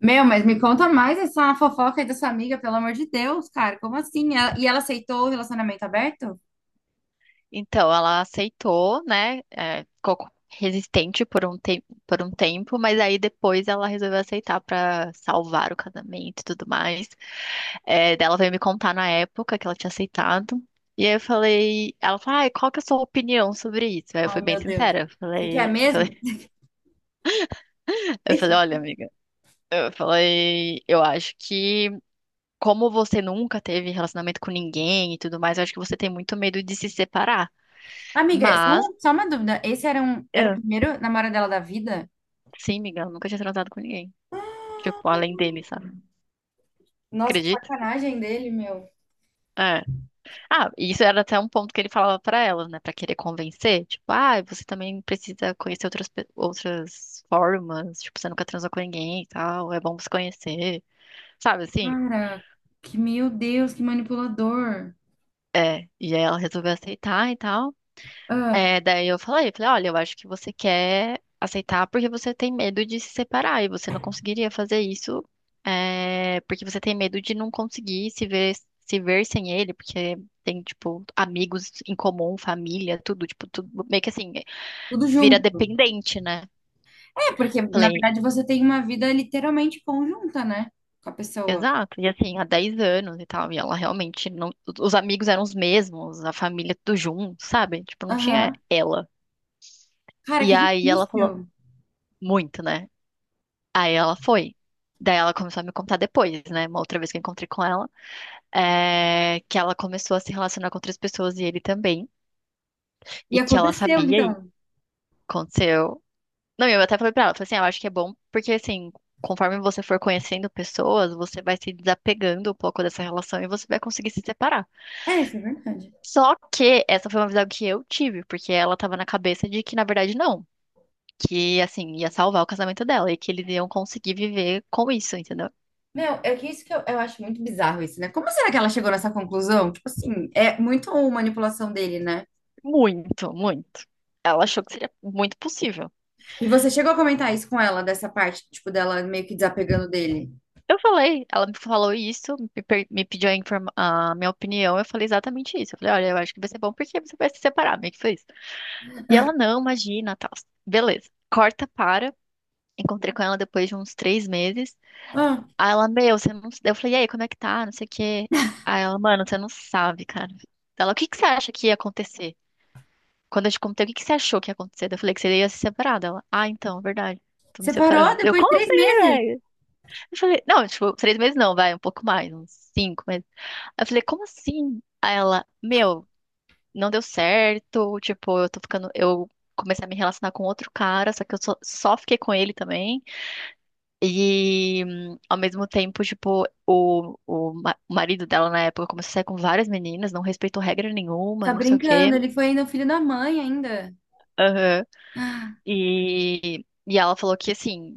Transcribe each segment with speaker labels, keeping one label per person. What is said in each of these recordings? Speaker 1: Meu, mas me conta mais essa fofoca aí da sua amiga, pelo amor de Deus, cara. Como assim? Ela- E ela aceitou o relacionamento aberto?
Speaker 2: Então, ela aceitou, né? Ficou resistente por um tempo, mas aí depois ela resolveu aceitar pra salvar o casamento e tudo mais. Daí ela veio me contar na época que ela tinha aceitado. E aí ela falou, ai, qual que é a sua opinião sobre isso? Aí eu
Speaker 1: Ai,
Speaker 2: fui bem
Speaker 1: meu Deus.
Speaker 2: sincera, eu
Speaker 1: Você quer
Speaker 2: falei, eu
Speaker 1: mesmo?
Speaker 2: falei, eu falei,
Speaker 1: Esse-
Speaker 2: olha, amiga, eu falei, eu acho que como você nunca teve relacionamento com ninguém e tudo mais, eu acho que você tem muito medo de se separar.
Speaker 1: Amiga, só uma,
Speaker 2: Mas.
Speaker 1: só uma dúvida. Esse era, um, era o primeiro namorado dela da vida?
Speaker 2: Sim, Miguel, nunca tinha transado com ninguém. Tipo,
Speaker 1: Ah,
Speaker 2: além dele, sabe?
Speaker 1: nossa, que
Speaker 2: Acredito.
Speaker 1: sacanagem dele, meu.
Speaker 2: É. Ah, e isso era até um ponto que ele falava pra ela, né? Pra querer convencer. Tipo, ah, você também precisa conhecer outras formas. Tipo, você nunca transou com ninguém e tal. É bom você conhecer. Sabe assim?
Speaker 1: Cara, que meu Deus, que manipulador.
Speaker 2: É. E aí ela resolveu aceitar e tal.
Speaker 1: Ah,
Speaker 2: Daí eu falei, olha, eu acho que você quer aceitar porque você tem medo de se separar e você não conseguiria fazer isso, porque você tem medo de não conseguir se ver sem ele, porque tem, tipo, amigos em comum, família, tudo, tipo, tudo meio que assim,
Speaker 1: tudo
Speaker 2: vira
Speaker 1: junto.
Speaker 2: dependente, né?
Speaker 1: É, porque na
Speaker 2: Falei,
Speaker 1: verdade você tem uma vida literalmente conjunta, né? Com a pessoa.
Speaker 2: exato, e assim, há 10 anos e tal, e ela realmente não, os amigos eram os mesmos, a família tudo junto, sabe? Tipo, não tinha
Speaker 1: Aham.
Speaker 2: ela.
Speaker 1: Cara,
Speaker 2: E
Speaker 1: que
Speaker 2: aí ela falou
Speaker 1: difícil.
Speaker 2: muito, né? Aí ela foi. Daí ela começou a me contar depois, né? Uma outra vez que eu encontrei com ela, que ela começou a se relacionar com outras pessoas e ele também,
Speaker 1: E
Speaker 2: e que ela
Speaker 1: aconteceu,
Speaker 2: sabia e
Speaker 1: então.
Speaker 2: aconteceu. Não, e eu até falei pra ela, falei assim, "Ah, eu acho que é bom, porque assim, conforme você for conhecendo pessoas, você vai se desapegando um pouco dessa relação e você vai conseguir se separar".
Speaker 1: É, isso é verdade.
Speaker 2: Só que essa foi uma visão que eu tive, porque ela tava na cabeça de que, na verdade, não. Que, assim, ia salvar o casamento dela e que eles iam conseguir viver com isso, entendeu?
Speaker 1: Meu, é que isso que eu acho muito bizarro isso, né? Como será que ela chegou nessa conclusão? Tipo assim, é muito manipulação dele, né?
Speaker 2: Muito, muito. Ela achou que seria muito possível.
Speaker 1: E você chegou a comentar isso com ela, dessa parte, tipo, dela meio que desapegando dele.
Speaker 2: Eu falei, ela me falou isso, me pediu a minha opinião, eu falei exatamente isso. Eu falei, olha, eu acho que vai ser bom porque você vai se separar, meio que foi isso. E ela, não, imagina, tal. Beleza. Corta, para. Encontrei com ela depois de uns 3 meses.
Speaker 1: Ah,
Speaker 2: Aí ela, meu, você não. Eu falei, e aí, como é que tá? Não sei o quê. Aí ela, mano, você não sabe, cara. Ela, o que que você acha que ia acontecer? Quando eu te contei o que que você achou que ia acontecer, eu falei que você ia se separar dela. Ah, então, verdade. Tô me
Speaker 1: separou
Speaker 2: separando. Eu,
Speaker 1: depois de
Speaker 2: como
Speaker 1: três
Speaker 2: assim,
Speaker 1: meses?
Speaker 2: velho? Eu falei, não, tipo, 3 meses não, vai, um pouco mais, uns 5 meses. Aí eu falei, como assim? Aí ela, meu, não deu certo, tipo, eu comecei a me relacionar com outro cara, só que eu só fiquei com ele também. E, ao mesmo tempo, tipo, o marido dela na época começou a sair com várias meninas, não respeitou regra nenhuma,
Speaker 1: Tá
Speaker 2: não sei o quê.
Speaker 1: brincando, ele foi ainda o filho da mãe ainda.
Speaker 2: Aham.
Speaker 1: Ah,
Speaker 2: E ela falou que, assim,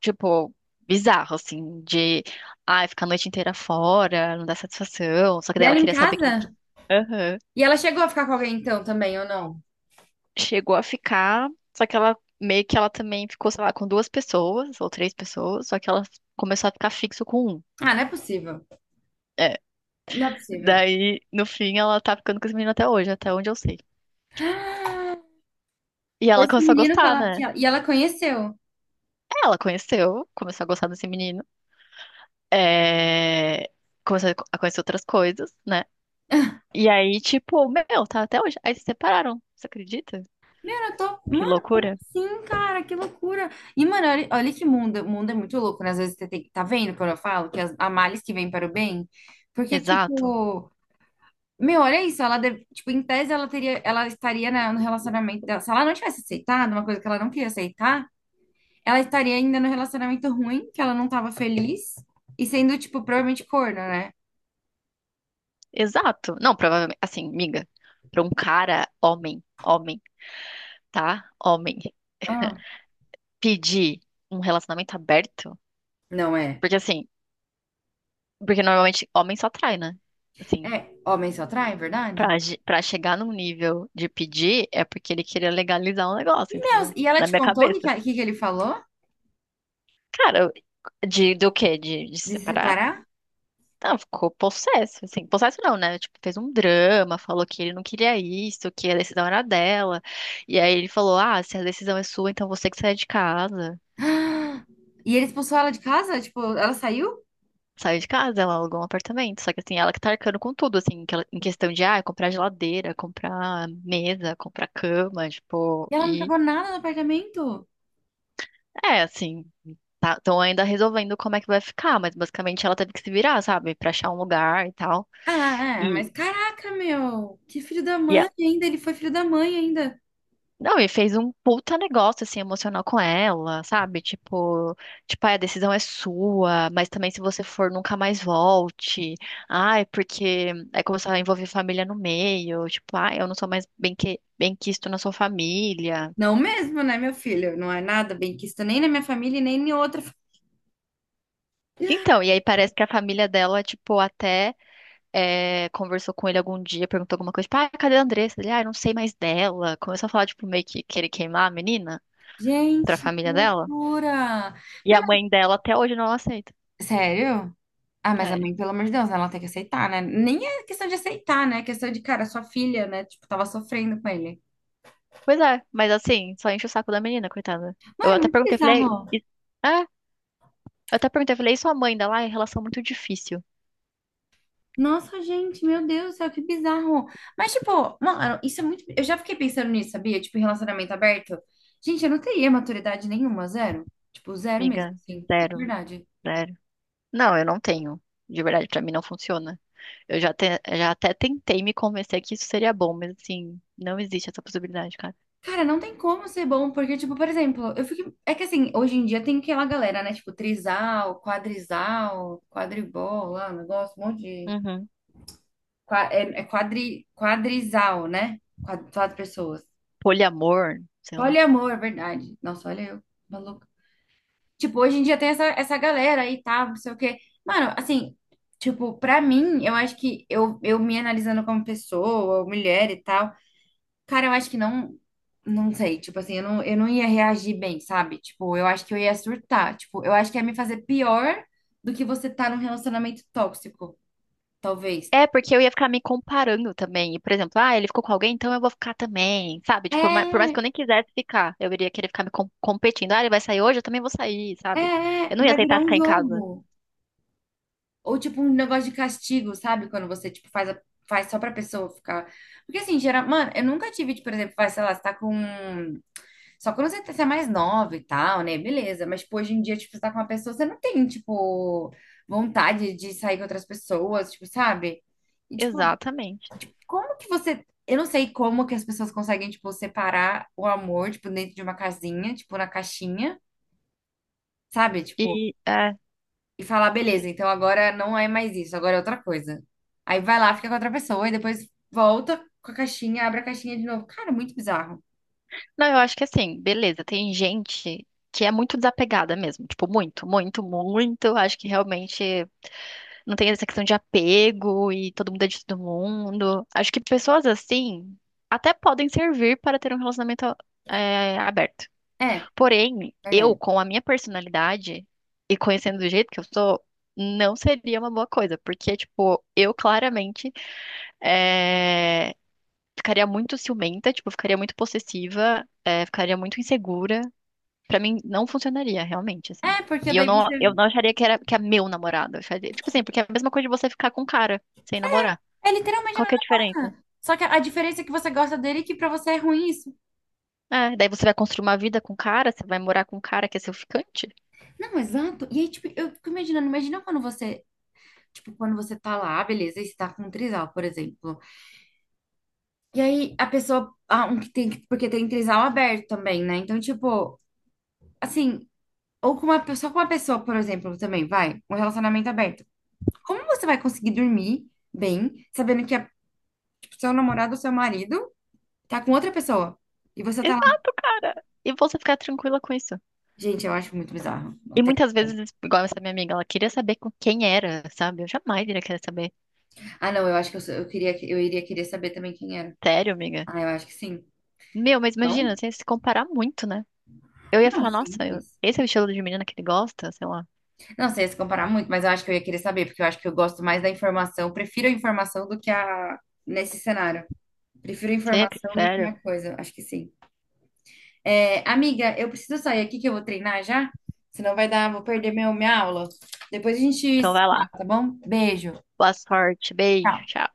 Speaker 2: tipo, bizarro, assim, de, ai, ficar a noite inteira fora, não dá satisfação. Só que
Speaker 1: e
Speaker 2: daí ela
Speaker 1: ela em
Speaker 2: queria saber quem que.
Speaker 1: casa?
Speaker 2: Aham.
Speaker 1: E ela chegou a ficar com alguém então também, ou não?
Speaker 2: Chegou a ficar. Só que ela, meio que ela também ficou, sei lá, com duas pessoas ou três pessoas, só que ela começou a ficar fixo com um.
Speaker 1: Ah, não é possível.
Speaker 2: É.
Speaker 1: Não é possível.
Speaker 2: Daí, no fim, ela tá ficando com esse menino até hoje, até onde eu sei. E
Speaker 1: Foi
Speaker 2: ela
Speaker 1: esse
Speaker 2: começou a
Speaker 1: menino que
Speaker 2: gostar,
Speaker 1: ela, que
Speaker 2: né?
Speaker 1: ela- e ela conheceu.
Speaker 2: É, ela conheceu, começou a gostar desse menino. É... Começou a conhecer outras coisas, né? E aí, tipo, meu, tá até hoje. Aí se separaram, você acredita?
Speaker 1: Meu, eu tô.
Speaker 2: Que
Speaker 1: Mano, como
Speaker 2: loucura.
Speaker 1: assim, cara? Que loucura. E, mano, olha, olha que mundo. O mundo é muito louco, né? Às vezes você tem. Tá vendo quando eu falo que as, há males que vêm para o bem? Porque,
Speaker 2: Exato.
Speaker 1: tipo. Meu, olha isso. Ela deve- tipo, em tese, ela teria, ela estaria na- no relacionamento dela. Se ela não tivesse aceitado uma coisa que ela não queria aceitar, ela estaria ainda no relacionamento ruim, que ela não tava feliz. E sendo, tipo, provavelmente corna, né?
Speaker 2: Exato. Não, provavelmente, assim, miga, pra um cara, homem, homem, tá? Homem,
Speaker 1: Ah,
Speaker 2: pedir um relacionamento aberto,
Speaker 1: não é.
Speaker 2: porque assim, porque normalmente homem só trai, né? Assim,
Speaker 1: É, homem só atrai, é verdade?
Speaker 2: pra chegar num nível de pedir, é porque ele queria legalizar um negócio,
Speaker 1: Deus,
Speaker 2: entendeu?
Speaker 1: e ela
Speaker 2: Na
Speaker 1: te
Speaker 2: minha
Speaker 1: contou o que, que,
Speaker 2: cabeça.
Speaker 1: a- que que ele falou
Speaker 2: Cara, eu- do quê? De
Speaker 1: de se
Speaker 2: separar?
Speaker 1: separar?
Speaker 2: Não, ficou possesso, assim, possesso não, né? Tipo, fez um drama, falou que ele não queria isso, que a decisão era dela. E aí ele falou: "Ah, se a decisão é sua, então você que sai de casa".
Speaker 1: E ele expulsou ela de casa? Tipo, ela saiu?
Speaker 2: Saiu de casa, ela alugou um apartamento, só que assim, ela que tá arcando com tudo, assim, que ela- em questão de, ah, comprar geladeira, comprar mesa, comprar cama, tipo,
Speaker 1: E ela não
Speaker 2: e
Speaker 1: pegou nada no apartamento?
Speaker 2: assim, tá, estão ainda resolvendo como é que vai ficar, mas basicamente ela teve que se virar, sabe, pra achar um lugar e tal.
Speaker 1: Ah, é,
Speaker 2: E
Speaker 1: mas caraca, meu. Que filho da
Speaker 2: e
Speaker 1: mãe ainda. Ele foi filho da mãe ainda.
Speaker 2: não, e fez um puta negócio, assim, emocional com ela, sabe? Tipo, "Ai, a decisão é sua, mas também se você for, nunca mais volte. Ai, porque aí começou a envolver família no meio, tipo, ai, eu não sou mais bem quisto na sua família".
Speaker 1: Não mesmo, né, meu filho? Não é nada bem quisto nem na minha família, e nem em outra. Fa-
Speaker 2: Então, e aí parece que a família dela, tipo, até conversou com ele algum dia, perguntou alguma coisa, tipo, ai, cadê a Andressa? Ele, ah, eu não sei mais dela. Começou a falar, tipo, meio que querer queimar a menina pra
Speaker 1: Gente, que
Speaker 2: família dela.
Speaker 1: loucura.
Speaker 2: E
Speaker 1: Meu,
Speaker 2: a mãe dela até hoje não aceita.
Speaker 1: mas- Sério? Ah, mas a
Speaker 2: É,
Speaker 1: mãe, pelo amor de Deus, ela tem que aceitar, né? Nem é questão de aceitar, né? É questão de, cara, sua filha, né? Tipo, tava sofrendo com ele.
Speaker 2: pois é, mas assim, só enche o saco da menina, coitada. Eu
Speaker 1: Mano, é
Speaker 2: até
Speaker 1: muito
Speaker 2: perguntei, falei,
Speaker 1: bizarro.
Speaker 2: É, eu e sua mãe ainda lá?" É relação muito difícil,
Speaker 1: Nossa, gente, meu Deus do céu, que bizarro. Mas, tipo, mano, isso é muito. Eu já fiquei pensando nisso, sabia? Tipo, em relacionamento aberto. Gente, eu não teria maturidade nenhuma, zero. Tipo, zero mesmo,
Speaker 2: amiga.
Speaker 1: assim, de
Speaker 2: Zero,
Speaker 1: verdade.
Speaker 2: zero. Não, eu não tenho. De verdade, pra mim não funciona. Eu já até tentei me convencer que isso seria bom, mas assim, não existe essa possibilidade, cara.
Speaker 1: Cara, não tem como ser bom, porque, tipo, por exemplo, eu fiquei. É que assim, hoje em dia tem aquela galera, né? Tipo, trisal, quadrisal, quadribol, lá, um negócio, um monte de.
Speaker 2: Uhum.
Speaker 1: Qua- é, é quadri... quadrisal, né? Quatro, quatro pessoas.
Speaker 2: Poliamor, sei lá.
Speaker 1: Poliamor, verdade. Nossa, olha eu, maluco. Tipo, hoje em dia tem essa, essa galera aí, tá, não sei o quê. Mano, assim, tipo, pra mim, eu acho que eu me analisando como pessoa, mulher e tal, cara, eu acho que não, não sei, tipo assim, eu não ia reagir bem, sabe? Tipo, eu acho que eu ia surtar, tipo, eu acho que ia me fazer pior do que você tá num relacionamento tóxico, talvez.
Speaker 2: É, porque eu ia ficar me comparando também. E, por exemplo, ah, ele ficou com alguém, então eu vou ficar também, sabe?
Speaker 1: É,
Speaker 2: Tipo, por mais que
Speaker 1: é,
Speaker 2: eu nem quisesse ficar, eu iria querer ficar me competindo. Ah, ele vai sair hoje, eu também vou sair, sabe?
Speaker 1: é,
Speaker 2: Eu não ia
Speaker 1: vai virar
Speaker 2: aceitar
Speaker 1: um
Speaker 2: ficar em casa.
Speaker 1: jogo. Ou tipo um negócio de castigo, sabe? Quando você tipo faz a- faz só pra pessoa ficar. Porque assim, geral, mano, eu nunca tive, tipo, por exemplo, vai, sei lá, você tá com só quando você, tá- você é mais nova e tal, né? Beleza, mas tipo, hoje em dia, tipo, você tá com uma pessoa, você não tem, tipo, vontade de sair com outras pessoas, tipo, sabe? E tipo,
Speaker 2: Exatamente.
Speaker 1: como que você Eu não sei como que as pessoas conseguem, tipo, separar o amor, tipo, dentro de uma casinha, tipo, na caixinha, sabe? Tipo,
Speaker 2: E,
Speaker 1: e falar, beleza, então agora não é mais isso, agora é outra coisa. Aí vai lá, fica com outra pessoa e depois volta com a caixinha, abre a caixinha de novo. Cara, muito bizarro.
Speaker 2: não, eu acho que assim, beleza, tem gente que é muito desapegada mesmo. Tipo, muito, muito, muito. Acho que realmente não tem essa questão de apego e todo mundo é de todo mundo. Acho que pessoas assim até podem servir para ter um relacionamento, aberto.
Speaker 1: É,
Speaker 2: Porém, eu,
Speaker 1: verdade.
Speaker 2: com a minha personalidade e conhecendo do jeito que eu sou, não seria uma boa coisa, porque, tipo, eu claramente é, ficaria muito ciumenta, tipo, ficaria muito possessiva, ficaria muito insegura. Pra mim, não funcionaria, realmente, assim.
Speaker 1: É, porque
Speaker 2: E eu
Speaker 1: daí
Speaker 2: não,
Speaker 1: você.
Speaker 2: eu não acharia que era, que é meu namorado. Eu acharia- tipo assim, porque é a mesma coisa de você ficar com um cara sem namorar.
Speaker 1: É literalmente a
Speaker 2: Qual que é a
Speaker 1: mesma
Speaker 2: diferença?
Speaker 1: coisa. Só que a diferença é que você gosta dele e que pra você é ruim isso.
Speaker 2: É, daí você vai construir uma vida com um cara, você vai morar com um cara que é seu ficante?
Speaker 1: Não, exato. E aí, tipo, eu fico imaginando, imagina quando você, tipo, quando você tá lá, "Ah, beleza, e você tá com um trisal, por exemplo. E aí a pessoa, ah, um que tem, porque tem trisal aberto também, né? Então, tipo, assim, ou com uma, pe- só com uma pessoa, por exemplo, também, vai, um relacionamento aberto. Como você vai conseguir dormir bem, sabendo que a, tipo, seu namorado ou seu marido tá com outra pessoa? E você tá lá.
Speaker 2: Exato, cara! E você ficar tranquila com isso.
Speaker 1: Gente, eu acho muito bizarro. Não
Speaker 2: E
Speaker 1: tem
Speaker 2: muitas
Speaker 1: como.
Speaker 2: vezes, igual essa minha amiga, ela queria saber com quem era, sabe? Eu jamais iria querer saber.
Speaker 1: Ah, não, eu acho que eu, sou- eu queria, que- eu iria querer saber também quem era.
Speaker 2: Sério, amiga?
Speaker 1: Ah, eu acho que sim.
Speaker 2: Meu, mas imagina,
Speaker 1: Não?
Speaker 2: você ia se comparar muito, né? Eu ia
Speaker 1: Não,
Speaker 2: falar,
Speaker 1: sim,
Speaker 2: nossa, eu-
Speaker 1: mas.
Speaker 2: esse é o estilo de menina que ele gosta, sei lá.
Speaker 1: Não sei se comparar muito, mas eu acho que eu ia querer saber, porque eu acho que eu gosto mais da informação. Prefiro a informação do que a. Nesse cenário. Prefiro a
Speaker 2: Você é que-
Speaker 1: informação do que
Speaker 2: sério?
Speaker 1: a coisa. Acho que sim. É, amiga, eu preciso sair aqui que eu vou treinar já, senão vai dar, vou perder meu, minha aula. Depois a gente
Speaker 2: Então
Speaker 1: se
Speaker 2: vai
Speaker 1: fala,
Speaker 2: lá.
Speaker 1: tá bom? Beijo.
Speaker 2: Boa sorte, beijo,
Speaker 1: Tchau.
Speaker 2: tchau.